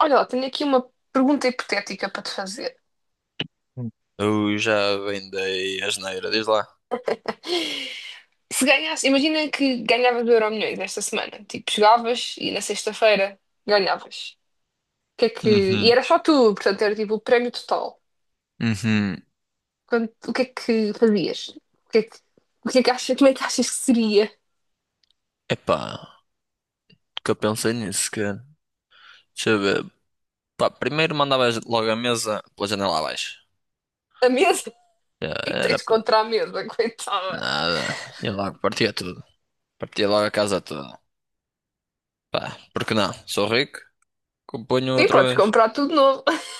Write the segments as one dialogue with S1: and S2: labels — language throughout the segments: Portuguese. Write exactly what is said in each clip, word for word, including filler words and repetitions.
S1: Olha, lá, tenho aqui uma pergunta hipotética para te fazer.
S2: Hum. Eu já vendei a asneira, diz lá.
S1: Se ganhasse, imagina que ganhavas o Euromilhões esta semana. Tipo, chegavas e na sexta-feira ganhavas. O que é que... E
S2: Uhum,
S1: era só tu, portanto, era tipo o prémio total.
S2: uhum.
S1: Quanto- o que é que fazias? O que é que, o que é que achas, como é que achas que seria
S2: Epá, que eu pensei nisso, cara. Deixa eu ver. Pá, primeiro mandavas logo a mesa pela janela abaixo.
S1: a mesa?
S2: Já
S1: O que é que
S2: era
S1: tens contra a mesa, coitada?
S2: nada. E logo partia tudo. Partia logo a casa toda. Pá, porque não? Sou rico, componho
S1: Sim,
S2: outra
S1: podes
S2: vez.
S1: comprar tudo novo.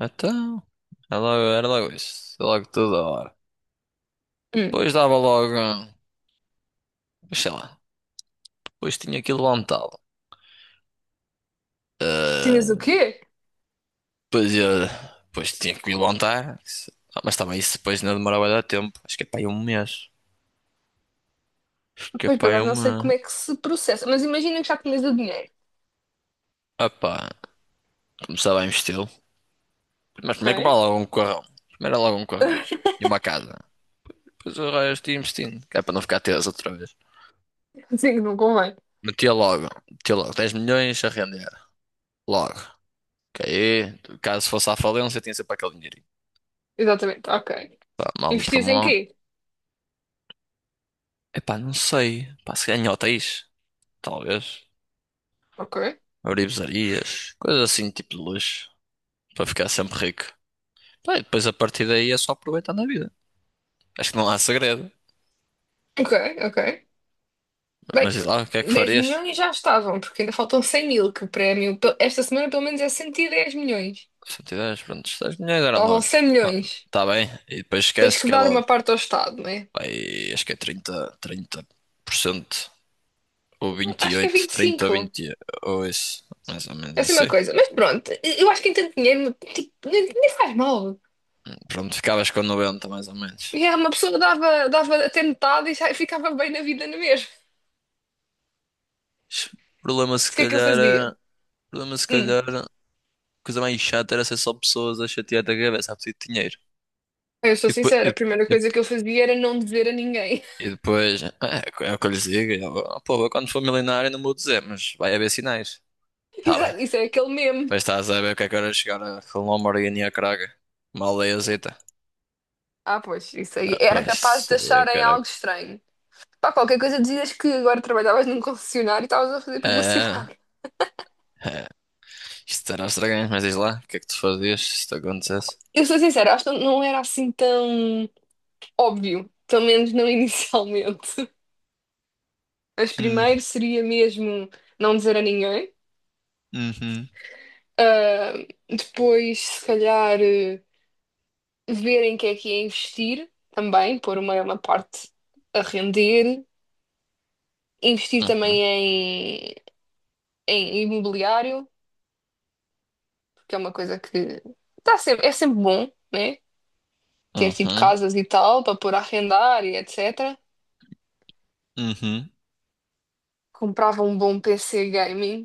S2: Então, era logo, era logo isso. Era logo toda hora.
S1: Hum,
S2: Depois dava logo, sei lá, depois tinha aquilo montado.
S1: tinhas o
S2: Eh,
S1: quê?
S2: Depois, eu, depois tinha que me levantar. Isso- Ah, mas também isso depois não demorava a dar tempo. Acho que é para aí um mês. Acho que é
S1: Pois,
S2: para
S1: por
S2: aí
S1: acaso, não sei
S2: uma.
S1: como é que se processa, mas imagina que já tinhas o dinheiro,
S2: Ah pá, começava a investi-lo. Mas primeiro comprar
S1: Ok?
S2: logo um carrão. Primeiro era logo um carrão. E uma casa. Depois o resto ia investindo. Que é para não ficar teso outra vez.
S1: Sim, não convém.
S2: Metia logo. Metia logo dez milhões a render. Logo. Que aí, caso fosse à falência, tinha sempre aquele dinheirinho.
S1: Exatamente, ok.
S2: Pá, mal para
S1: Investias em
S2: mal.
S1: quê?
S2: Epá, não sei. Pá, se ganhar hotéis. Talvez.
S1: Ok,
S2: Abrir pizzarias. Coisas assim, tipo de luxo. Para ficar sempre rico. Pá, e depois a partir daí é só aproveitar na vida. Acho que não há segredo.
S1: ok, ok.
S2: Mas
S1: Bem,
S2: diz lá, o que é que
S1: dez
S2: farias?
S1: milhões já estavam, porque ainda faltam cem mil, que o prémio pe- esta semana pelo menos é cento e dez milhões.
S2: Se eu tivesse, pronto, seis milhões era
S1: Estavam
S2: logo.
S1: cem
S2: Ah,
S1: milhões.
S2: tá bem. E depois
S1: Tens
S2: esqueces
S1: que
S2: que é
S1: dar
S2: logo.
S1: uma parte ao Estado, não é?
S2: Pá, e acho que é trinta, trinta por cento ou
S1: Não,
S2: vinte e
S1: acho que é
S2: oito,
S1: vinte e
S2: trinta ou
S1: cinco
S2: vinte ou isso. Mais ou menos
S1: é assim uma
S2: assim.
S1: coisa. Mas pronto, eu acho que em tanto dinheiro, tipo, nem, nem faz mal.
S2: Pronto, ficavas com noventa mais ou menos.
S1: E há uma pessoa dava, dava até metade e já ficava bem na vida na mesma.
S2: O problema se
S1: O que é que ele
S2: calhar era...
S1: fazia?
S2: o problema se
S1: Hum,
S2: calhar... A coisa mais chata era ser só pessoas a chatear da cabeça a pedir dinheiro.
S1: eu sou
S2: E depois,
S1: sincera, a primeira coisa que eu fazia era não dizer a ninguém.
S2: E depois, é, é o que eu lhes digo. E eu, "Oh, pô, eu quando for milionário não vou dizer, mas vai haver sinais." Tá bem.
S1: Exato, isso é aquele meme.
S2: Mas estás a ver o que é que era chegar a com uma Lamborghini a Praga? Uma aldeiazita.
S1: Ah, pois, isso aí.
S2: Ah,
S1: Era
S2: pois,
S1: capaz
S2: isso
S1: de
S2: aí é
S1: acharem algo
S2: caraca.
S1: estranho. Pá, qualquer coisa dizias que agora trabalhavas num concessionário e estavas a fazer
S2: É,
S1: publicidade.
S2: é. Isto era estranho, mas diz lá, o que é que tu fazias se isto acontecesse?
S1: Eu sou sincera, acho que não era assim tão óbvio, pelo menos não inicialmente. Mas
S2: Hum,
S1: primeiro seria mesmo não dizer a ninguém.
S2: uhum.
S1: Ah, depois, se calhar, eh, ver em que é que é investir também, pôr uma, uma parte a render. Investir
S2: Uhum,
S1: também em, em imobiliário. Que é uma coisa que tá sempre, é sempre bom, né? Ter tipo
S2: uhum,
S1: casas e tal para pôr a arrendar e etcétera.
S2: uhum.
S1: Comprava um bom P C gaming,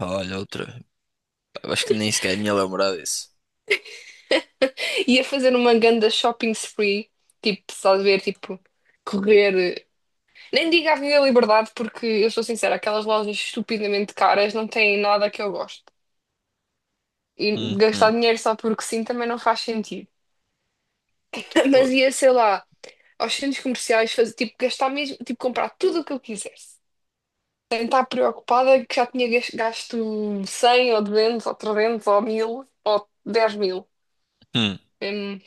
S2: Olha, outra. Pá, acho que nem sequer me ia lembrar disso.
S1: ia fazer uma ganda shopping spree, tipo, estás a ver, tipo, correr. Nem digo Avenida Liberdade, porque eu sou sincera, aquelas lojas estupidamente caras não têm nada que eu gosto. E gastar
S2: Uhum.
S1: dinheiro só porque sim também não faz sentido. Mas
S2: Outro.
S1: ia, sei lá, aos centros comerciais, fazer, tipo, gastar mesmo, tipo, comprar tudo o que eu quisesse. Está preocupada que já tinha gas- gasto cem ou duzentos ou trezentos ou mil ou dez mil.
S2: Hum.
S1: Hum,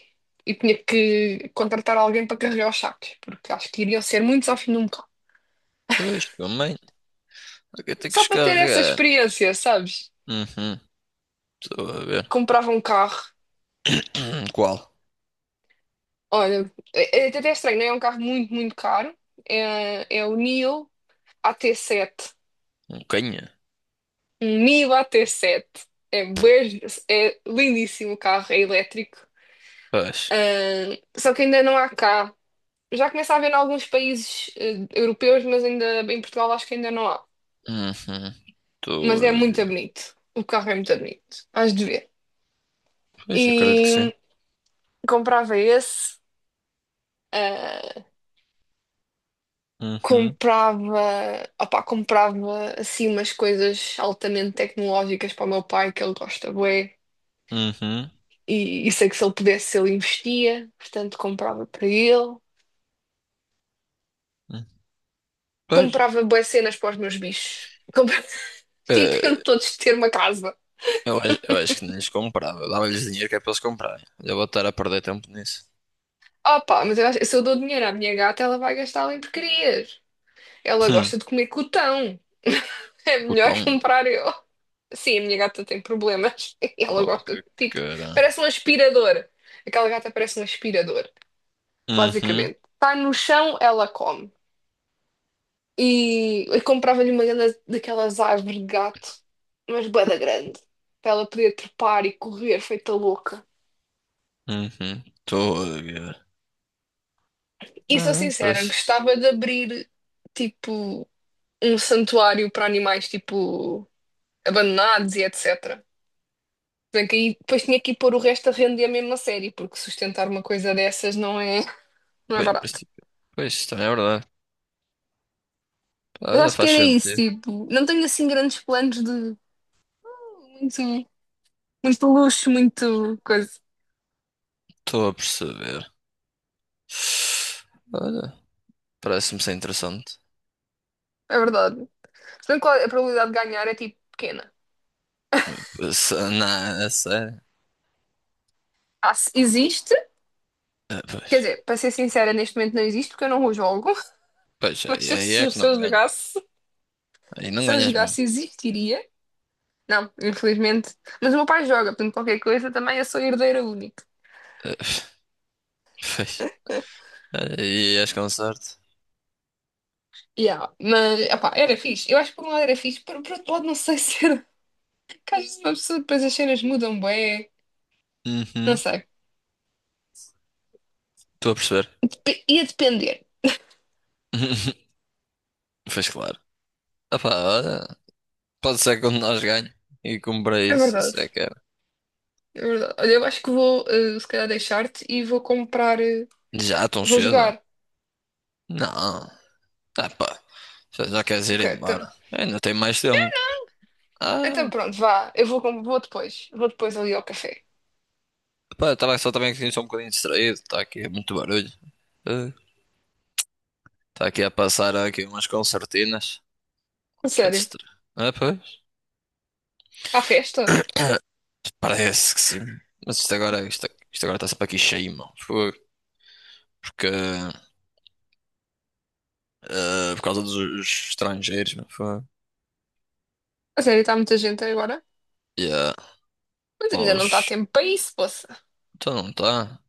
S1: e tinha que contratar alguém para carregar os sacos, porque acho que iriam ser muitos ao fim de um carro.
S2: Pois, também. O que eu tenho que
S1: Só para ter essa
S2: descarregar?
S1: experiência, sabes?
S2: Uhum. Estou a ver.
S1: Comprava um carro,
S2: Qual?
S1: olha, é, é até estranho, não é. É um carro muito, muito caro. É, é o Nio A T sete.
S2: Um canha?
S1: Um Nio A T sete. É, bué- é lindíssimo o carro, é elétrico.
S2: Pois.
S1: Ah, só que ainda não há cá. Já começa a haver em alguns países eh, europeus, mas ainda em Portugal acho que ainda não há.
S2: Uhum. Estou
S1: Mas é
S2: a
S1: muito
S2: ver.
S1: bonito. O carro é muito bonito. Hás de ver.
S2: Pois, acredito que sim.
S1: E comprava esse. Ah,
S2: Uhum.
S1: comprava, opá, comprava assim umas coisas altamente tecnológicas para o meu pai, que ele gosta bué.
S2: Uhum.
S1: E, e sei que se ele pudesse, ele investia. Portanto, comprava para ele.
S2: Uhum. Pois.
S1: Comprava bué cenas para os meus bichos. Comprava, tipo, eu
S2: eh,
S1: todos ter uma casa.
S2: eu, acho- eu acho que nem lhes comprava. Eu dava-lhes dinheiro que é para eles comprarem. Já vou estar a perder tempo nisso.
S1: Opa, mas eu, acho- se eu dou dinheiro à minha gata, ela vai gastá-lo em porcarias. Ela
S2: Hum.
S1: gosta de comer cotão. É
S2: O
S1: melhor
S2: tom.
S1: comprar eu. Sim, a minha gata tem problemas. Ela
S2: Oh,
S1: gosta
S2: que
S1: de tipo.
S2: cara.
S1: Parece um aspirador. Aquela gata parece um aspirador,
S2: Uhum.
S1: basicamente. Está no chão, ela come. E eu comprava-lhe uma grande- daquelas árvores de gato, mas bué da grande, para ela poder trepar e correr feita louca.
S2: Uhum. Estou a ver.
S1: E sou
S2: Ah,
S1: sincera,
S2: parece.
S1: gostava de abrir tipo. Um santuário para animais tipo abandonados e etcétera. Bem que aí depois tinha que ir pôr o resto a render mesmo a mesma série, porque sustentar uma coisa dessas não é, não é
S2: Pois, em
S1: barato.
S2: princípio- pois, isso também é verdade.
S1: Mas
S2: Olha,
S1: acho que
S2: faz
S1: era isso,
S2: sentido.
S1: tipo, não tenho assim grandes planos de muito, muito luxo, muito coisa.
S2: Estou a perceber. Olha, parece-me ser interessante.
S1: É verdade. Se bem que a probabilidade de ganhar é tipo pequena.
S2: Se- Não, é sério.
S1: Ah, se- existe,
S2: Ah,
S1: quer
S2: pois,
S1: dizer, para ser sincera, neste momento não existe porque eu não o jogo,
S2: pois,
S1: mas
S2: aí
S1: se,
S2: aí
S1: eu-
S2: é que
S1: se
S2: não
S1: eu
S2: ganha.
S1: jogasse,
S2: Aí não
S1: se eu
S2: ganhas mesmo.
S1: jogasse existiria. Não, infelizmente. Mas o meu pai joga, portanto, qualquer coisa também eu sou herdeira única.
S2: Ah, pois, aí és com sorte.
S1: Yeah, mas, opá, era fixe. Eu acho que por um lado era fixe, por, por outro lado não sei se era. Que às vezes uma pessoa depois as cenas mudam bem. Não
S2: Uhum,
S1: sei.
S2: estou a perceber.
S1: Dep- ia depender.
S2: Pois claro. Opá, olha, pode ser que um de nós ganhe e cumpra
S1: É
S2: isso,
S1: verdade.
S2: isso é que era.
S1: É verdade. Olha, eu acho que vou, eh, se calhar, deixar-te e vou comprar. eh,
S2: Já tão
S1: vou
S2: cedo?
S1: jogar.
S2: Não. Ah, pá, já, já queres ir
S1: Ok, então.
S2: embora? Ainda tem mais tempo.
S1: Então
S2: Ah,
S1: pronto, vá. Eu vou, com- vou depois. Vou depois ali ao café.
S2: pá, estava só também aqui só um bocadinho distraído, está aqui muito barulho. Está aqui a passar aqui umas concertinas.
S1: A
S2: Que é
S1: sério.
S2: distra... Ah, pois.
S1: À festa?
S2: Parece que sim. Mas isto agora, isto, isto agora está sempre aqui cheio, mano. Foi. Porque, eh, por causa dos estrangeiros, mano. Foi.
S1: A sério, está muita gente agora?
S2: Yeah.
S1: Mas
S2: Pá,
S1: ainda não está
S2: os-
S1: tempo para isso, poça.
S2: então não está.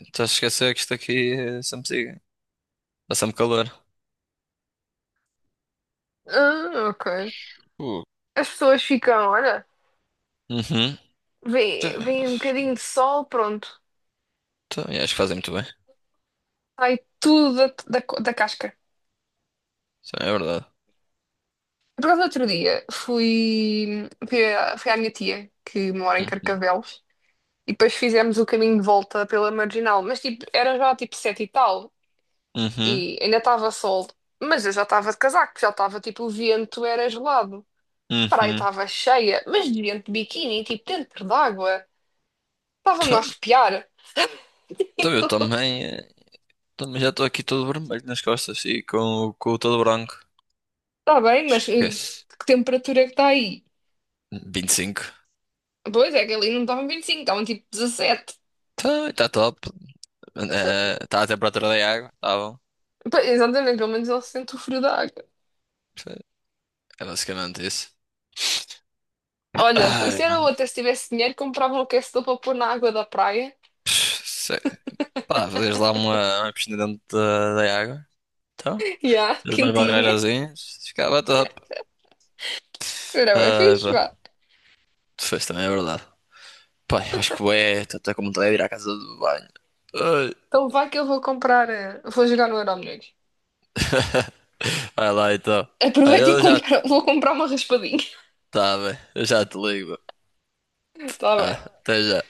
S2: Estás a esquecer que isto aqui é sempre siga. Está sempre calor.
S1: Ah, ok.
S2: Uh.
S1: As pessoas ficam, olha,
S2: Uhum. Tá-
S1: vem, vem um bocadinho de sol, pronto,
S2: Então, e acho que fazem muito bem.
S1: sai tudo da, da, co- da casca.
S2: Isso é verdade.
S1: Por causa do outro dia, fui, fui, à, fui à minha tia, que mora em
S2: Uhum.
S1: Carcavelos, e depois fizemos o caminho de volta pela Marginal, mas tipo, era já tipo sete e tal,
S2: Uhum.
S1: e ainda estava sol, mas eu já estava de casaco, já estava tipo, o vento era gelado. A praia
S2: Uhum.
S1: estava cheia, mas de gente de biquíni, tipo, dentro d'água, estava-me a
S2: Tá-
S1: arrepiar.
S2: tá, eu também, eh, também já estou aqui todo vermelho nas costas e com, o- com o todo branco.
S1: Está bem, mas eh,
S2: Esquece.
S1: que temperatura é que está aí?
S2: Vinte e cinco.
S1: Pois é, que ali não estavam vinte e cinco, estavam tipo dezessete.
S2: Tá, tá top. Está a temperatura da água, tá bom.
S1: Pois, exatamente, pelo menos ele sente o frio da água.
S2: É basicamente isso.
S1: Olha,
S2: Ai,
S1: isso era
S2: mano.
S1: outra, se tivesse dinheiro, comprava um aquecedor para pôr na água da praia.
S2: Sei. Pá, fazias lá uma, uma piscina dentro da, da água. Então,
S1: Já,
S2: fez umas
S1: quentinha.
S2: barreirazinhas, ficava top.
S1: Era bem
S2: Ai,
S1: fixe,
S2: pá.
S1: vá.
S2: Tu fez também, é verdade. Pá, eu acho que é, estou até com vontade de ir à casa do banho. Ai.
S1: Então vai que eu vou comprar, eh, vou jogar no Euromilhões.
S2: Vai lá então. Olha,
S1: Aproveita e
S2: eu já.
S1: compra, vou comprar uma raspadinha.
S2: Tá bem, eu já te ligo.
S1: Está
S2: Ah,
S1: bem.
S2: até já.